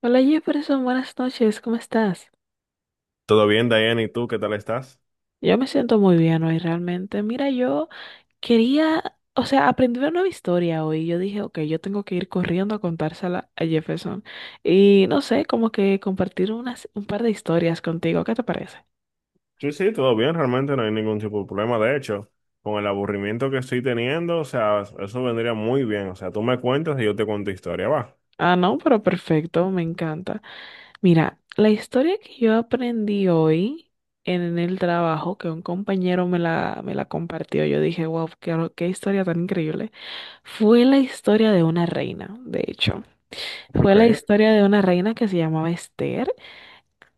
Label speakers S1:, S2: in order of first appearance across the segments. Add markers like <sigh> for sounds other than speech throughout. S1: Hola Jefferson, buenas noches, ¿cómo estás?
S2: Todo bien, Diana, ¿y tú qué tal estás?
S1: Yo me siento muy bien hoy realmente. Mira, yo quería, o sea, aprendí una nueva historia hoy. Yo dije, ok, yo tengo que ir corriendo a contársela a Jefferson. Y no sé, como que compartir un par de historias contigo, ¿qué te parece?
S2: Sí, sí, todo bien, realmente no hay ningún tipo de problema. De hecho, con el aburrimiento que estoy teniendo, o sea, eso vendría muy bien. O sea, tú me cuentas y yo te cuento historia, va.
S1: Ah, no, pero perfecto, me encanta. Mira, la historia que yo aprendí hoy en el trabajo, que un compañero me la compartió, yo dije, wow, qué historia tan increíble, fue la historia de una reina, de hecho. Fue
S2: Ok,
S1: la historia de una reina que se llamaba Esther.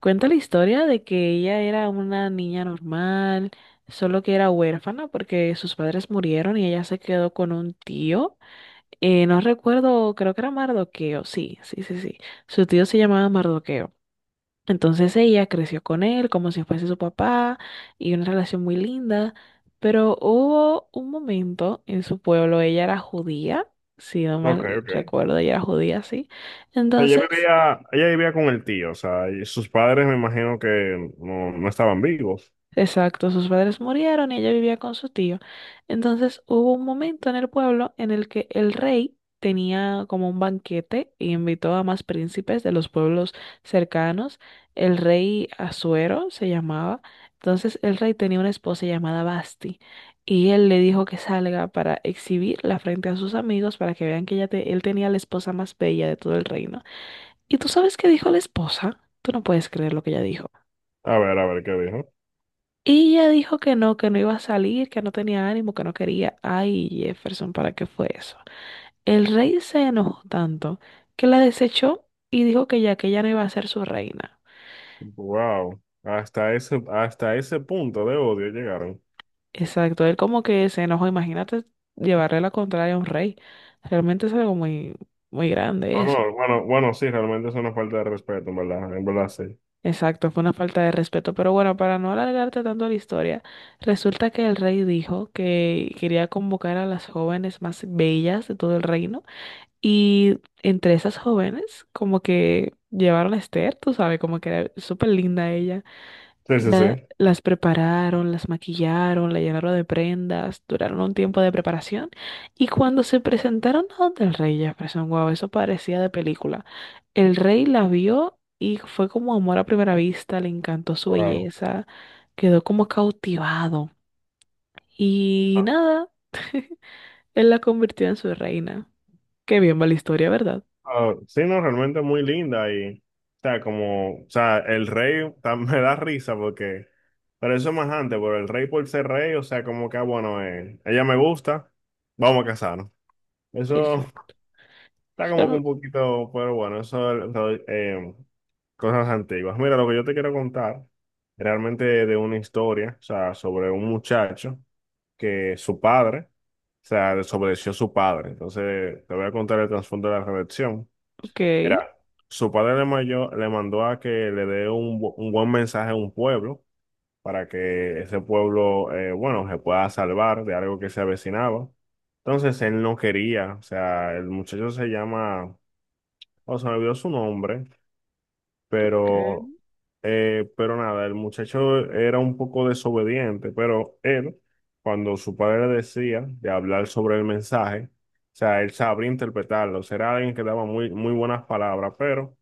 S1: Cuenta la historia de que ella era una niña normal, solo que era huérfana porque sus padres murieron y ella se quedó con un tío. No recuerdo, creo que era Mardoqueo, sí, sí, sí, sí. Su tío se llamaba Mardoqueo. Entonces ella creció con él como si fuese su papá y una relación muy linda, pero hubo un momento en su pueblo, ella era judía, si no
S2: ok,
S1: mal
S2: ok.
S1: recuerdo, ella era judía, sí.
S2: O sea,
S1: Entonces.
S2: ella vivía con el tío, o sea, y sus padres me imagino que no estaban vivos.
S1: Exacto, sus padres murieron y ella vivía con su tío. Entonces hubo un momento en el pueblo en el que el rey tenía como un banquete y invitó a más príncipes de los pueblos cercanos. El rey Asuero se llamaba. Entonces el rey tenía una esposa llamada Basti y él le dijo que salga para exhibirla frente a sus amigos para que vean que él tenía la esposa más bella de todo el reino. ¿Y tú sabes qué dijo la esposa? Tú no puedes creer lo que ella dijo.
S2: A ver qué dijo.
S1: Y ella dijo que no iba a salir, que no tenía ánimo, que no quería. Ay, Jefferson, ¿para qué fue eso? El rey se enojó tanto que la desechó y dijo que ya que ella no iba a ser su reina.
S2: Wow, hasta ese punto de odio llegaron.
S1: Exacto, él como que se enojó, imagínate llevarle la contraria a un rey. Realmente es algo muy, muy grande
S2: Ah,
S1: eso.
S2: no, bueno, bueno, sí, realmente es una falta de respeto, en verdad, sí.
S1: Exacto, fue una falta de respeto. Pero bueno, para no alargarte tanto la historia, resulta que el rey dijo que quería convocar a las jóvenes más bellas de todo el reino. Y entre esas jóvenes, como que llevaron a Esther, tú sabes, como que era súper linda ella.
S2: Sí,
S1: Y
S2: sí, sí.
S1: las prepararon, las maquillaron, la llenaron de prendas, duraron un tiempo de preparación. Y cuando se presentaron a donde el rey Jefferson, wow, eso parecía de película. El rey la vio y fue como amor a primera vista, le encantó su
S2: Wow.
S1: belleza, quedó como cautivado. Y nada, <laughs> él la convirtió en su reina. Qué bien va la historia, ¿verdad?
S2: Ah, sí, no, realmente muy linda y, o sea, como, o sea, <laughs> me da risa porque, pero eso es más antes, pero el rey por ser rey, o sea, como que, ah, bueno, ella me gusta, vamos a casarnos. Eso <laughs> está como que
S1: Mm,
S2: un poquito, pero bueno, cosas antiguas. Mira, lo que yo te quiero contar, realmente de una historia, o sea, sobre un muchacho que su padre, o sea, desobedeció a su padre. Entonces, te voy a contar el trasfondo de la rebelión.
S1: okay,
S2: Era, su padre le, le mandó a que le dé un, un buen mensaje a un pueblo para que ese pueblo, bueno, se pueda salvar de algo que se avecinaba. Entonces él no quería, o sea, el muchacho se llama, o sea, me olvidó su nombre,
S1: okay,
S2: pero, pero nada, el muchacho era un poco desobediente, pero él, cuando su padre le decía de hablar sobre el mensaje, o sea, él sabría interpretarlo, será alguien que daba muy, muy buenas palabras, pero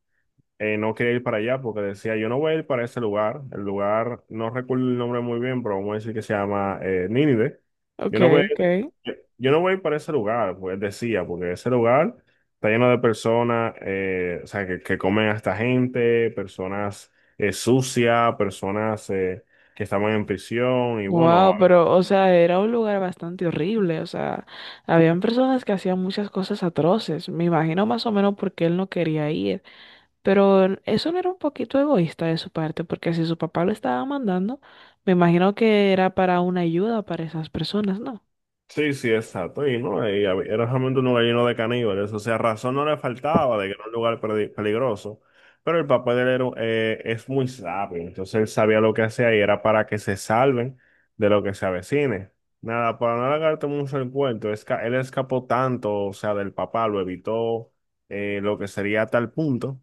S2: no quería ir para allá porque decía, yo no voy a ir para ese lugar. El lugar, no recuerdo el nombre muy bien, pero vamos a decir que se llama Nínive. Yo no voy a
S1: okay,
S2: ir,
S1: okay.
S2: yo no voy a ir para ese lugar, pues decía, porque ese lugar está lleno de personas, o sea, que comen a esta gente, personas sucias, personas que estaban en prisión y bueno,
S1: Wow, pero, o sea, era un lugar bastante horrible. O sea, habían personas que hacían muchas cosas atroces. Me imagino más o menos porque él no quería ir. Pero eso no era un poquito egoísta de su parte, porque si su papá lo estaba mandando, me imagino que era para una ayuda para esas personas, ¿no?
S2: sí, sí, exacto. Y no, era realmente un lugar lleno de caníbales. O sea, razón no le faltaba de que era un lugar peligroso. Pero el papá de él era, es muy sabio. Entonces él sabía lo que hacía y era para que se salven de lo que se avecine. Nada, para no alargarte mucho el cuento, él escapó tanto, o sea, del papá, lo evitó, lo que sería a tal punto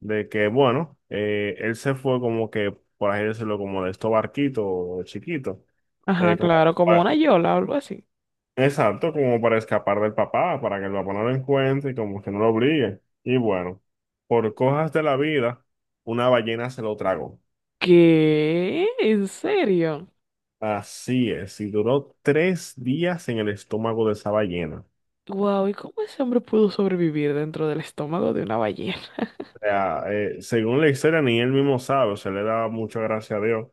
S2: de que, bueno, él se fue como que, por así decirlo, como de estos barquitos chiquitos.
S1: Ajá,
S2: Como
S1: claro, como una yola o algo así.
S2: Exacto, como para escapar del papá, para que el papá no lo encuentre y como que no lo obligue. Y bueno, por cosas de la vida, una ballena se lo tragó.
S1: ¿Qué? ¿En serio?
S2: Así es, y duró tres días en el estómago de esa ballena.
S1: Wow, ¿y cómo ese hombre pudo sobrevivir dentro del estómago de una ballena?
S2: O sea, según la historia, ni él mismo sabe, o sea, le da mucha gracia a Dios,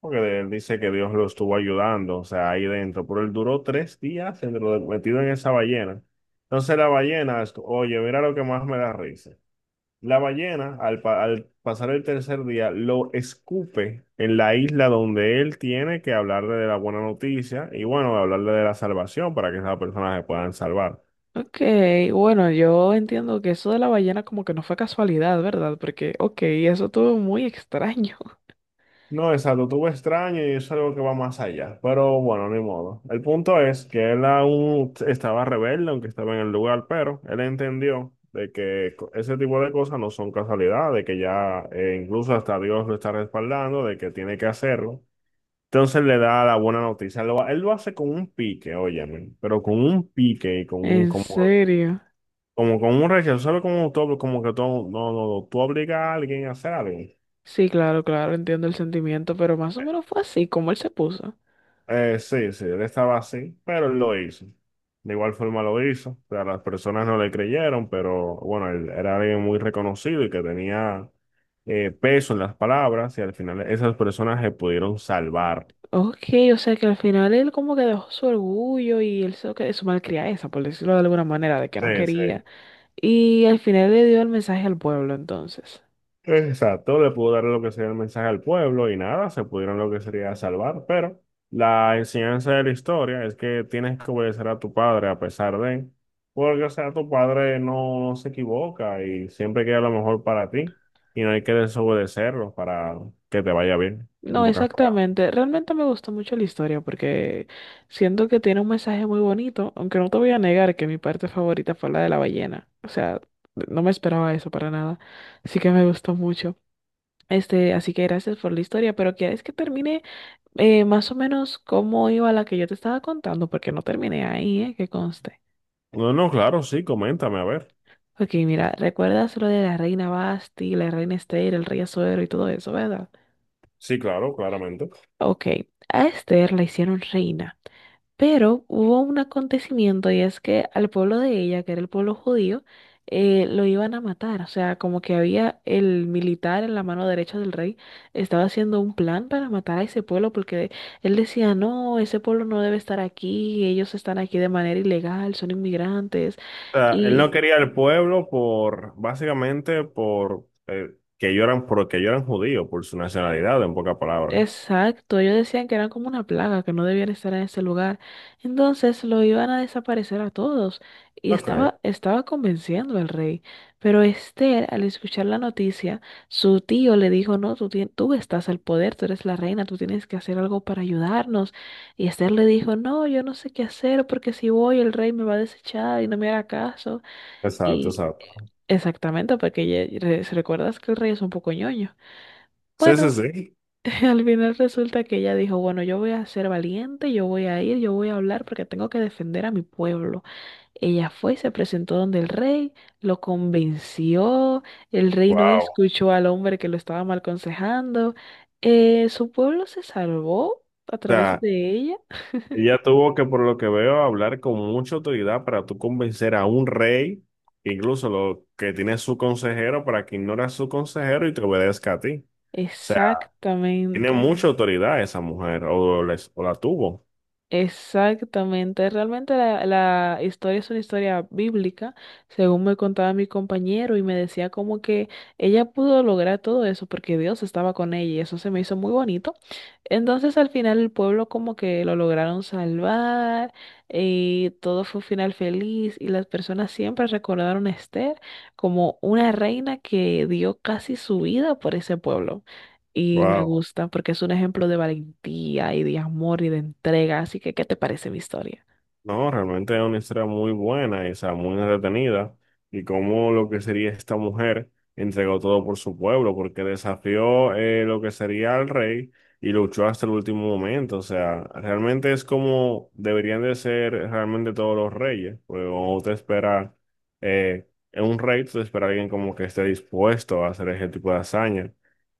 S2: porque él dice que Dios lo estuvo ayudando, o sea, ahí dentro, pero él duró tres días metido en esa ballena. Entonces la ballena, oye, mira lo que más me da risa. La ballena, al pasar el tercer día, lo escupe en la isla donde él tiene que hablarle de la buena noticia y bueno, hablarle de la salvación para que esas personas se puedan salvar.
S1: Ok, bueno, yo entiendo que eso de la ballena como que no fue casualidad, ¿verdad? Porque, ok, eso estuvo muy extraño. <laughs>
S2: No, exacto, tuvo extraño y eso es algo que va más allá, pero bueno, ni modo. El punto es que él aún estaba rebelde, aunque estaba en el lugar, pero él entendió de que ese tipo de cosas no son casualidad, de que ya incluso hasta Dios lo está respaldando, de que tiene que hacerlo. Entonces le da la buena noticia. Él lo hace con un pique, óyeme, pero con un pique y con un,
S1: En
S2: como,
S1: serio.
S2: como con un rechazo, solo como todo como que todo no, no, no, tú obligas a alguien a hacer algo.
S1: Sí, claro, claro, entiendo el sentimiento, pero más o menos fue así como él se puso.
S2: Sí, sí, él estaba así, pero él lo hizo. De igual forma lo hizo. O sea, las personas no le creyeron, pero bueno, él era alguien muy reconocido y que tenía peso en las palabras y al final esas personas se pudieron salvar.
S1: Ok, o sea que al final él como que dejó su orgullo y él se que su malcriadeza, por decirlo de alguna manera, de que no
S2: Sí, sí.
S1: quería. Y al final le dio el mensaje al pueblo, entonces.
S2: Exacto, le pudo dar lo que sería el mensaje al pueblo y nada, se pudieron lo que sería salvar, pero la enseñanza de la historia es que tienes que obedecer a tu padre a pesar de, porque o sea, tu padre no se equivoca y siempre queda lo mejor para ti y no hay que desobedecerlo para que te vaya bien,
S1: No,
S2: en pocas palabras.
S1: exactamente. Realmente me gustó mucho la historia porque siento que tiene un mensaje muy bonito, aunque no te voy a negar que mi parte favorita fue la de la ballena. O sea, no me esperaba eso para nada. Así que me gustó mucho. Así que gracias por la historia, pero ¿quieres que termine más o menos cómo iba la que yo te estaba contando? Porque no terminé ahí, ¿eh? Que conste.
S2: No, no, claro, sí, coméntame, a ver.
S1: Ok, mira, ¿recuerdas lo de la reina Basti, la reina Esther, el rey Azuero y todo eso, verdad?
S2: Sí, claro, claramente.
S1: Ok, a Esther la hicieron reina. Pero hubo un acontecimiento y es que al pueblo de ella, que era el pueblo judío, lo iban a matar. O sea, como que había el militar en la mano derecha del rey, estaba haciendo un plan para matar a ese pueblo porque él decía, no, ese pueblo no debe estar aquí, ellos están aquí de manera ilegal, son inmigrantes.
S2: O sea, él no
S1: Y,
S2: quería al pueblo por, básicamente, por que ellos eran, porque ellos eran judíos, por su nacionalidad, en pocas palabras.
S1: exacto, ellos decían que eran como una plaga, que no debían estar en ese lugar. Entonces lo iban a desaparecer a todos. Y
S2: Ok,
S1: estaba convenciendo al rey. Pero Esther, al escuchar la noticia, su tío le dijo, no, tú estás al poder, tú eres la reina, tú tienes que hacer algo para ayudarnos. Y Esther le dijo, no, yo no sé qué hacer, porque si voy el rey me va a desechar y no me hará caso.
S2: exacto,
S1: Y eh,
S2: exacto.
S1: Exactamente, porque recuerdas que el rey es un poco ñoño.
S2: Sí, sí,
S1: Bueno.
S2: sí.
S1: <laughs> Al final resulta que ella dijo, bueno, yo voy a ser valiente, yo voy a ir, yo voy a hablar porque tengo que defender a mi pueblo. Ella fue, se presentó donde el rey, lo convenció, el rey no
S2: Wow. O
S1: escuchó al hombre que lo estaba mal aconsejando, su pueblo se salvó a través
S2: sea,
S1: de ella.
S2: ella tuvo que, por lo que veo, hablar con mucha autoridad para tú convencer a un rey, que incluso lo que tiene su consejero, para que ignore a su consejero y te obedezca a ti. O sea, tiene
S1: Exactamente.
S2: mucha autoridad esa mujer, o la tuvo.
S1: Exactamente, realmente la historia es una historia bíblica, según me contaba mi compañero y me decía como que ella pudo lograr todo eso porque Dios estaba con ella y eso se me hizo muy bonito. Entonces al final el pueblo como que lo lograron salvar y todo fue un final feliz y las personas siempre recordaron a Esther como una reina que dio casi su vida por ese pueblo y me
S2: Wow.
S1: gusta porque es un ejemplo de valentía y de amor y de entrega. Así que, ¿qué te parece mi historia?
S2: No, realmente es una historia muy buena, y, o sea, muy entretenida, y cómo lo que sería esta mujer entregó todo por su pueblo, porque desafió lo que sería al rey y luchó hasta el último momento, o sea, realmente es como deberían de ser realmente todos los reyes, porque cuando te espera eh, un rey, tú te espera alguien como que esté dispuesto a hacer ese tipo de hazaña.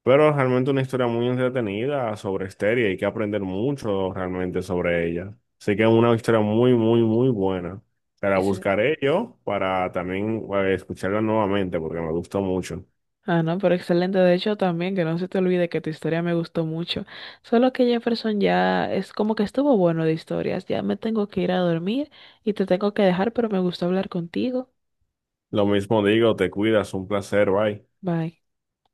S2: Pero realmente una historia muy entretenida sobre Esteria, hay que aprender mucho realmente sobre ella. Así que es una historia muy, muy, muy buena. Te la
S1: Ese-
S2: buscaré yo para también escucharla nuevamente porque me gustó mucho.
S1: Ah, no, pero excelente. De hecho, también que no se te olvide que tu historia me gustó mucho. Solo que Jefferson ya es como que estuvo bueno de historias. Ya me tengo que ir a dormir y te tengo que dejar, pero me gustó hablar contigo.
S2: Lo mismo digo, te cuidas, un placer, bye.
S1: Bye.